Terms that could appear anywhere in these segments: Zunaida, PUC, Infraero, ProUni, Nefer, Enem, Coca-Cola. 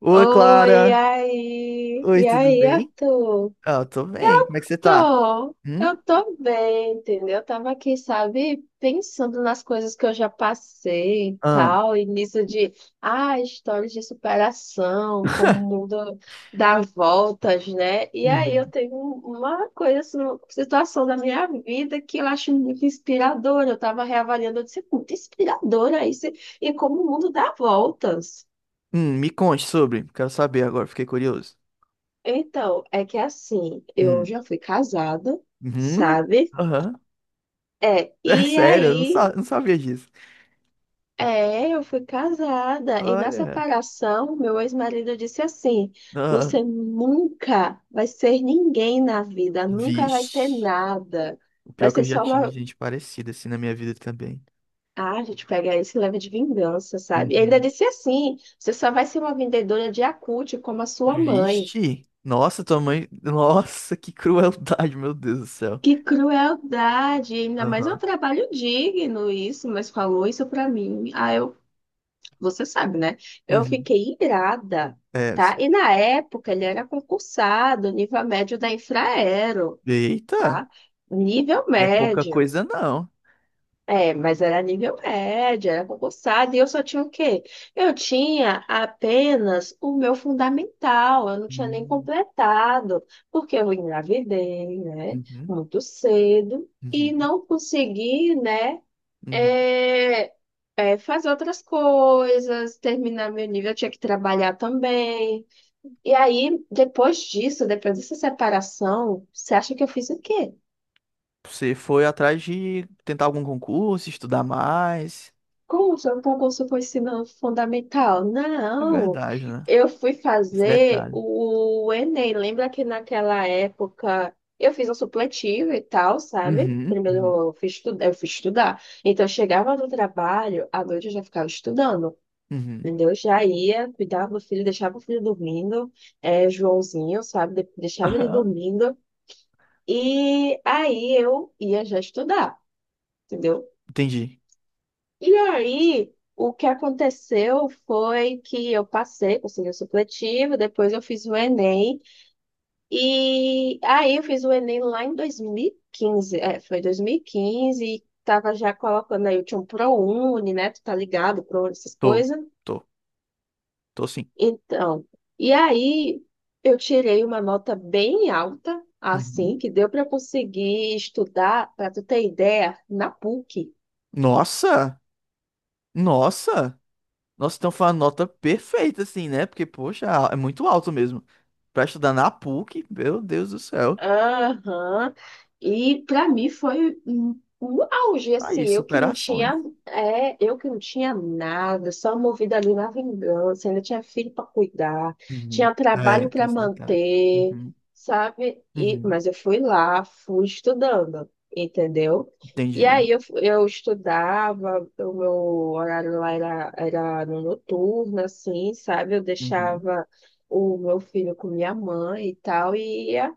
Oi, Oi, e Clara. aí? Oi, E tudo aí, bem? Arthur? Ah, eu tô bem. Como é que você tá? Tô, eu Hum? tô bem, entendeu? Eu tava aqui, sabe, pensando nas coisas que eu já passei e Ah. tal, e nisso de, ah, histórias de superação, como o mundo dá voltas, né? E aí eu Hum. tenho uma coisa, assim, uma situação da minha vida que eu acho muito inspiradora. Eu tava reavaliando, eu disse, "É muito inspiradora isso, e como o mundo dá voltas." Me conte sobre. Quero saber agora, fiquei curioso. Então, é que assim, eu Hum. já fui casada, Uhum. sabe? Aham. É, É e sério, eu não, aí, sa- não sabia disso. é, eu fui casada, e na Olha. separação, meu ex-marido disse assim: Ah. você nunca vai ser ninguém na vida, nunca vai ter Vixe. nada, O pior vai é que ser eu já só tive uma. gente parecida assim na minha vida também. Ah, a gente pega isso e leva de vingança, sabe? E ainda Uhum. disse assim: você só vai ser uma vendedora de acúte como a sua mãe. Vixe. Nossa, tua mãe. Nossa, que crueldade, meu Deus do céu. Que crueldade, ainda mais é um Aham. trabalho digno isso, mas falou isso pra mim. Ah, eu, você sabe, né? Eu Uhum. fiquei irada, É. tá? E na época ele era concursado, nível médio da Infraero, Eita. tá? Nível Não é pouca médio. coisa, não. É, mas era nível médio, era concursado, e eu só tinha o quê? Eu tinha apenas o meu fundamental, eu não tinha nem Hum. completado, porque eu engravidei, né, Uhum, muito cedo, uhum, e não consegui, né, uhum. é, fazer outras coisas, terminar meu nível, eu tinha que trabalhar também. E aí, depois disso, depois dessa separação, você acha que eu fiz o quê? Você foi atrás de tentar algum concurso, estudar mais. Como se o concurso foi ensino fundamental? É Não, verdade, né? eu fui Esse fazer detalhe. o Enem. Lembra que naquela época eu fiz um supletivo e tal, sabe? Uhum, Primeiro uhum, eu fui estudar, eu fui estudar. Então eu chegava no trabalho, à noite eu já ficava estudando, uhum. entendeu? Eu já ia, cuidava do filho, deixava o filho dormindo, é, Joãozinho, sabe? Deixava ele Aham. dormindo. E aí eu ia já estudar, entendeu? Entendi. E aí, o que aconteceu foi que eu passei, consegui o supletivo, depois eu fiz o Enem, e aí eu fiz o Enem lá em 2015, é, foi 2015, e quinze, e tava já colocando aí, eu tinha um ProUni, né, tu tá ligado, ProUni, essas Tô, coisas. tô, tô sim. Então, e aí eu tirei uma nota bem alta, Uhum. assim, que deu para eu conseguir estudar, para tu ter ideia, na PUC. Nossa, nossa. Nossa, então foi uma nota perfeita, assim, né? Porque, poxa, é muito alto mesmo. Pra estudar na PUC, meu Deus do céu. Aham. E para mim foi um auge, Tá aí, assim, eu que não superações. tinha, é, eu que não tinha nada, só movida ali na vingança, ainda tinha filho para cuidar, Uhum. tinha É, trabalho tem para esse detalhe. manter, Uhum, sabe? E, uhum. mas eu fui lá, fui estudando, entendeu? E Entendi. aí eu, eu estudava, o meu horário lá era no noturno, assim, sabe? Eu Uhum. deixava o meu filho com minha mãe e tal, e ia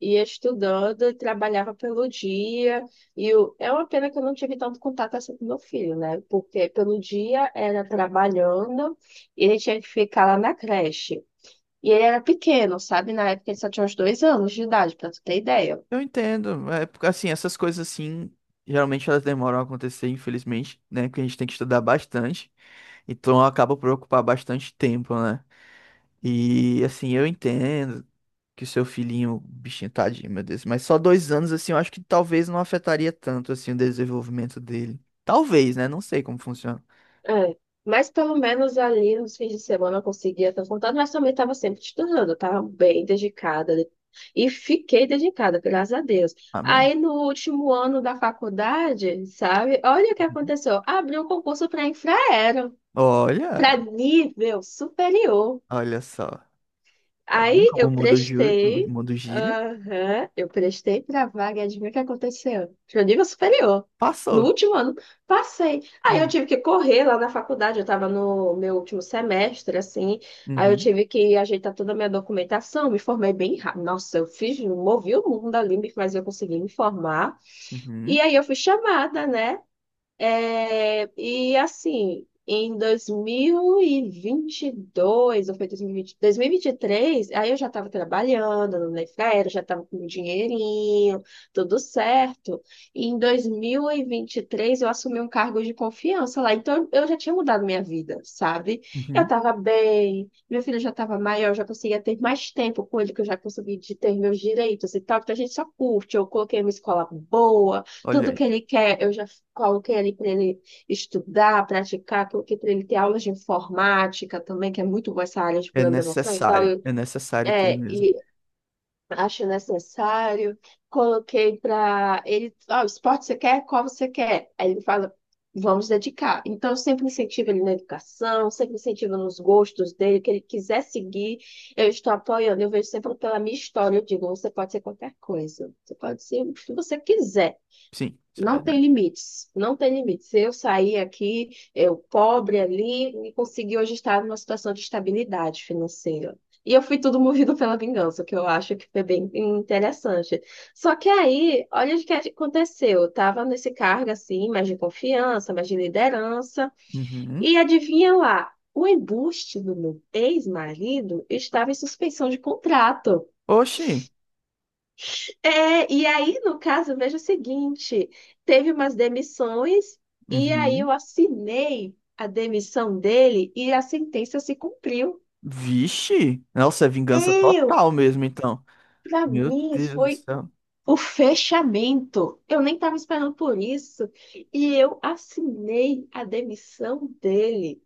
ia estudando, e trabalhava pelo dia, e eu, é uma pena que eu não tive tanto contato assim com meu filho, né? Porque pelo dia era trabalhando, e ele tinha que ficar lá na creche. E ele era pequeno, sabe? Na época ele só tinha uns 2 anos de idade, para tu ter ideia. Eu entendo. É, porque, assim, essas coisas assim, geralmente elas demoram a acontecer, infelizmente, né? Porque a gente tem que estudar bastante. Então acaba por ocupar bastante tempo, né? E assim, eu entendo que o seu filhinho, bichinho, tadinho, meu Deus. Mas só 2 anos, assim, eu acho que talvez não afetaria tanto, assim, o desenvolvimento dele. Talvez, né? Não sei como funciona. É, mas pelo menos ali nos fins de semana eu conseguia estar contando, mas também estava sempre estudando, eu estava bem dedicada e fiquei dedicada, graças a Deus. Amém? Aí no último ano da faculdade, sabe, olha o que Uhum. aconteceu: abriu um concurso para Infraero, para Olha, nível superior. olha só. Tá vendo Aí como o eu mundo, o prestei, mundo gira? aham, eu prestei pra vaga, e adivinha o que aconteceu? Pro nível superior. No Passou. último ano, passei. Aí eu Hum. tive que correr lá na faculdade, eu estava no meu último semestre, assim. Aí eu Uhum, tive que ajeitar toda a minha documentação, me formei bem rápido. Nossa, eu fiz, movi o mundo ali, mas eu consegui me formar. uhum, E aí eu fui chamada, né? É, e assim, em dois mil e vinte e dois ou foi dois mil e vinte e três. Aí eu já estava trabalhando no Nefer, já estava com um dinheirinho, tudo certo. E em dois mil e vinte e três eu assumi um cargo de confiança lá, então eu já tinha mudado minha vida, sabe? Eu uhum. estava bem, meu filho já estava maior, já conseguia ter mais tempo com ele, que eu já consegui de ter meus direitos e tal, porque a gente só curte, eu coloquei uma escola boa, Olha tudo que aí. ele quer, eu já qual que é ali para ele estudar, praticar, qual que é para ele ter aulas de informática também, que é muito boa essa área de programação e tal. Eu, É necessário ter é, mesmo. e acho necessário. Coloquei para ele, ó, esporte você quer? Qual você quer? Aí ele fala, vamos dedicar. Então, eu sempre incentivo ele na educação, sempre incentivo nos gostos dele, o que ele quiser seguir, eu estou apoiando. Eu vejo sempre pela minha história, eu digo, você pode ser qualquer coisa, você pode ser o que você quiser. Sim, isso é Não tem verdade. limites, não tem limites. Se eu sair aqui, eu pobre ali, e consegui hoje estar numa situação de estabilidade financeira. E eu fui tudo movido pela vingança, que eu acho que foi bem interessante. Só que aí, olha o que aconteceu. Eu estava nesse cargo assim, mais de confiança, mais de liderança, Uhum. e adivinha lá, o embuste do meu ex-marido estava em suspensão de contrato. Oxi. É, e aí, no caso, veja o seguinte: teve umas demissões, e aí Uhum. eu assinei a demissão dele e a sentença se cumpriu. Vixe. Nossa, é vingança Eu, total mesmo, então. para Meu mim, Deus do foi céu. o fechamento. Eu nem estava esperando por isso. E eu assinei a demissão dele.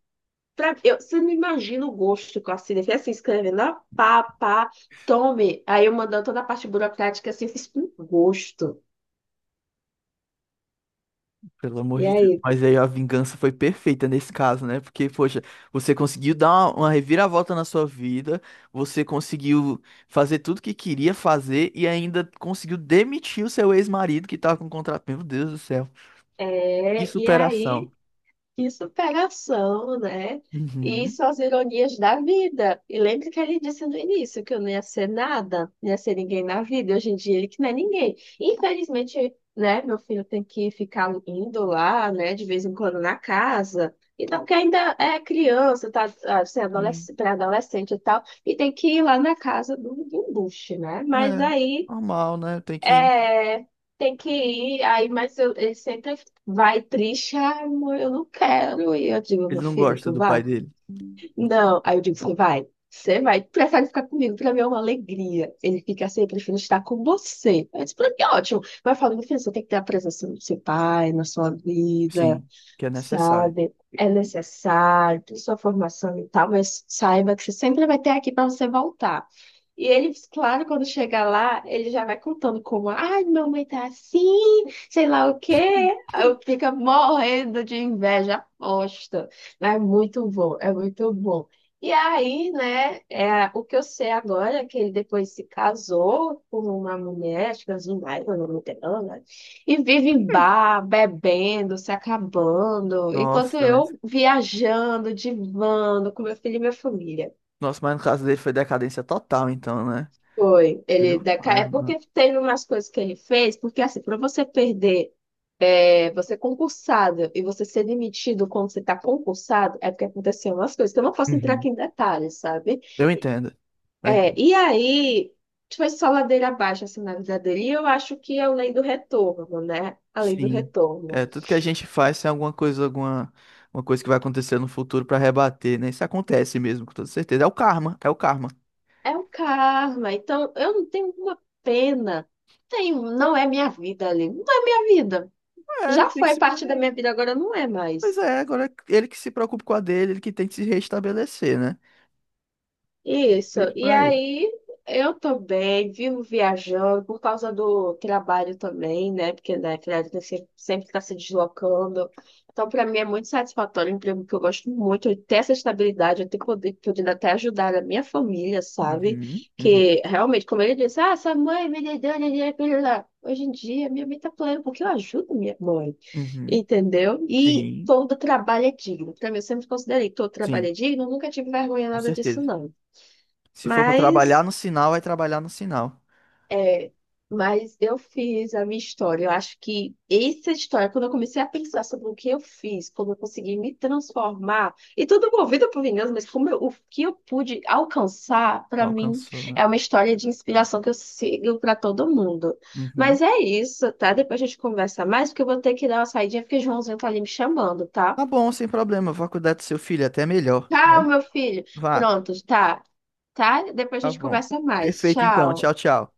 Pra, eu, você não imagina o gosto que eu assinei. Foi assim, escrevendo, ó, pá, pá, tome. Aí eu mandando toda a parte burocrática assim, fiz com gosto. Pelo amor E de Deus. aí? Mas aí a vingança foi perfeita nesse caso, né? Porque, poxa, você conseguiu dar uma reviravolta na sua vida, você conseguiu fazer tudo que queria fazer e ainda conseguiu demitir o seu ex-marido que tava com contrato. Meu Deus do céu. Que É, e superação. aí, que superação, né? E Uhum. são as ironias da vida. E lembra que ele disse no início que eu não ia ser nada, não ia ser ninguém na vida. E hoje em dia ele que não é ninguém. Infelizmente, né, meu filho tem que ficar indo lá, né, de vez em quando na casa. Então, que ainda é criança, tá, assim, Sim. adolescente, pré-adolescente e tal, e tem que ir lá na casa do embuste, né? Mas É, aí. normal, né? Tem que. É, tem que ir, aí, mas eu, ele sempre vai triste, ai, amor, eu não quero ir. Eu digo, Ele meu não filho, gosta tu do pai vai? dele. Não. Aí eu digo, você vai? Você vai, tu prefere ficar comigo, pra mim é uma alegria. Ele fica assim, eu prefiro estar com você. Aí eu disse, pra mim é ótimo. Mas eu falo, meu filho, você tem que ter a presença do seu pai na sua vida, Sim, que é necessário. sabe? É necessário, tem sua formação e tal, mas saiba que você sempre vai ter aqui pra você voltar. E ele, claro, quando chega lá, ele já vai contando como, ai, minha mãe tá assim, sei lá o quê. Aí eu fico morrendo de inveja, aposta. Mas é muito bom, é muito bom. E aí, né, é, o que eu sei agora é que ele depois se casou com uma mulher, acho que é Zunaida, o nome dela, né? E vive em bar, bebendo, se acabando, enquanto Nossa, mas. eu viajando, divando com meu filho e minha família. Nossa, mas no caso dele foi decadência total, então, né? Foi, ele Meu decai, pai, é mano. porque teve umas coisas que ele fez, porque assim, para você perder, é, você é concursado e você ser demitido quando você está concursado, é porque aconteceu umas coisas, então eu não posso entrar Uhum. aqui em detalhes, sabe? Eu entendo. Eu É, entendo. e aí, tipo, foi só ladeira abaixo, assim, na vida dele, e eu acho que é a lei do retorno, né? A lei do Sim. retorno. É, tudo que a gente faz tem alguma coisa, alguma uma coisa que vai acontecer no futuro pra rebater, né? Isso acontece mesmo, com toda certeza. É o karma, é o karma. É o karma, então eu não tenho uma pena, tenho, não é minha vida ali, não é minha vida. É, ele Já tem que foi se. Parte da minha vida, agora não é Pois mais. é, agora é ele que se preocupa com a dele, ele que tem que se restabelecer, né? Isso. Feito E pra ele. aí eu tô bem, vivo viajando por causa do trabalho também, né? Porque, né, criança sempre está se deslocando. Então, para mim é muito satisfatório é um emprego que eu gosto muito, eu ter essa estabilidade, eu ter poder, podendo até ajudar a minha família, sabe? Uhum, uhum, Que realmente, como ele disse, ah, sua mãe me deu dinheiro, blá, blá, blá. Hoje em dia, minha mãe tá plena porque eu ajudo minha mãe, uhum. entendeu? E Sim, todo trabalho é digno. Para mim, eu sempre considerei que todo trabalho sim, é digno, eu nunca tive vergonha com nada disso, certeza. não. Se for pra trabalhar Mas no sinal, vai trabalhar no sinal. É, mas eu fiz a minha história. Eu acho que essa história, quando eu comecei a pensar sobre o que eu fiz, como eu consegui me transformar, e tudo movido por vingança, mas o que eu pude alcançar, para mim, Alcançou, né? é uma história de inspiração que eu sigo para todo mundo. Uhum. Mas é isso, tá? Depois a gente conversa mais, porque eu vou ter que dar uma saidinha, porque o Joãozinho tá ali me chamando, tá? Tá bom, sem problema. Vou cuidar do seu filho, até melhor, Tchau, né? meu filho. Vá, Pronto, tá. Tá? Depois a tá gente bom. conversa mais. Perfeito, então. Tchau. Tchau, tchau.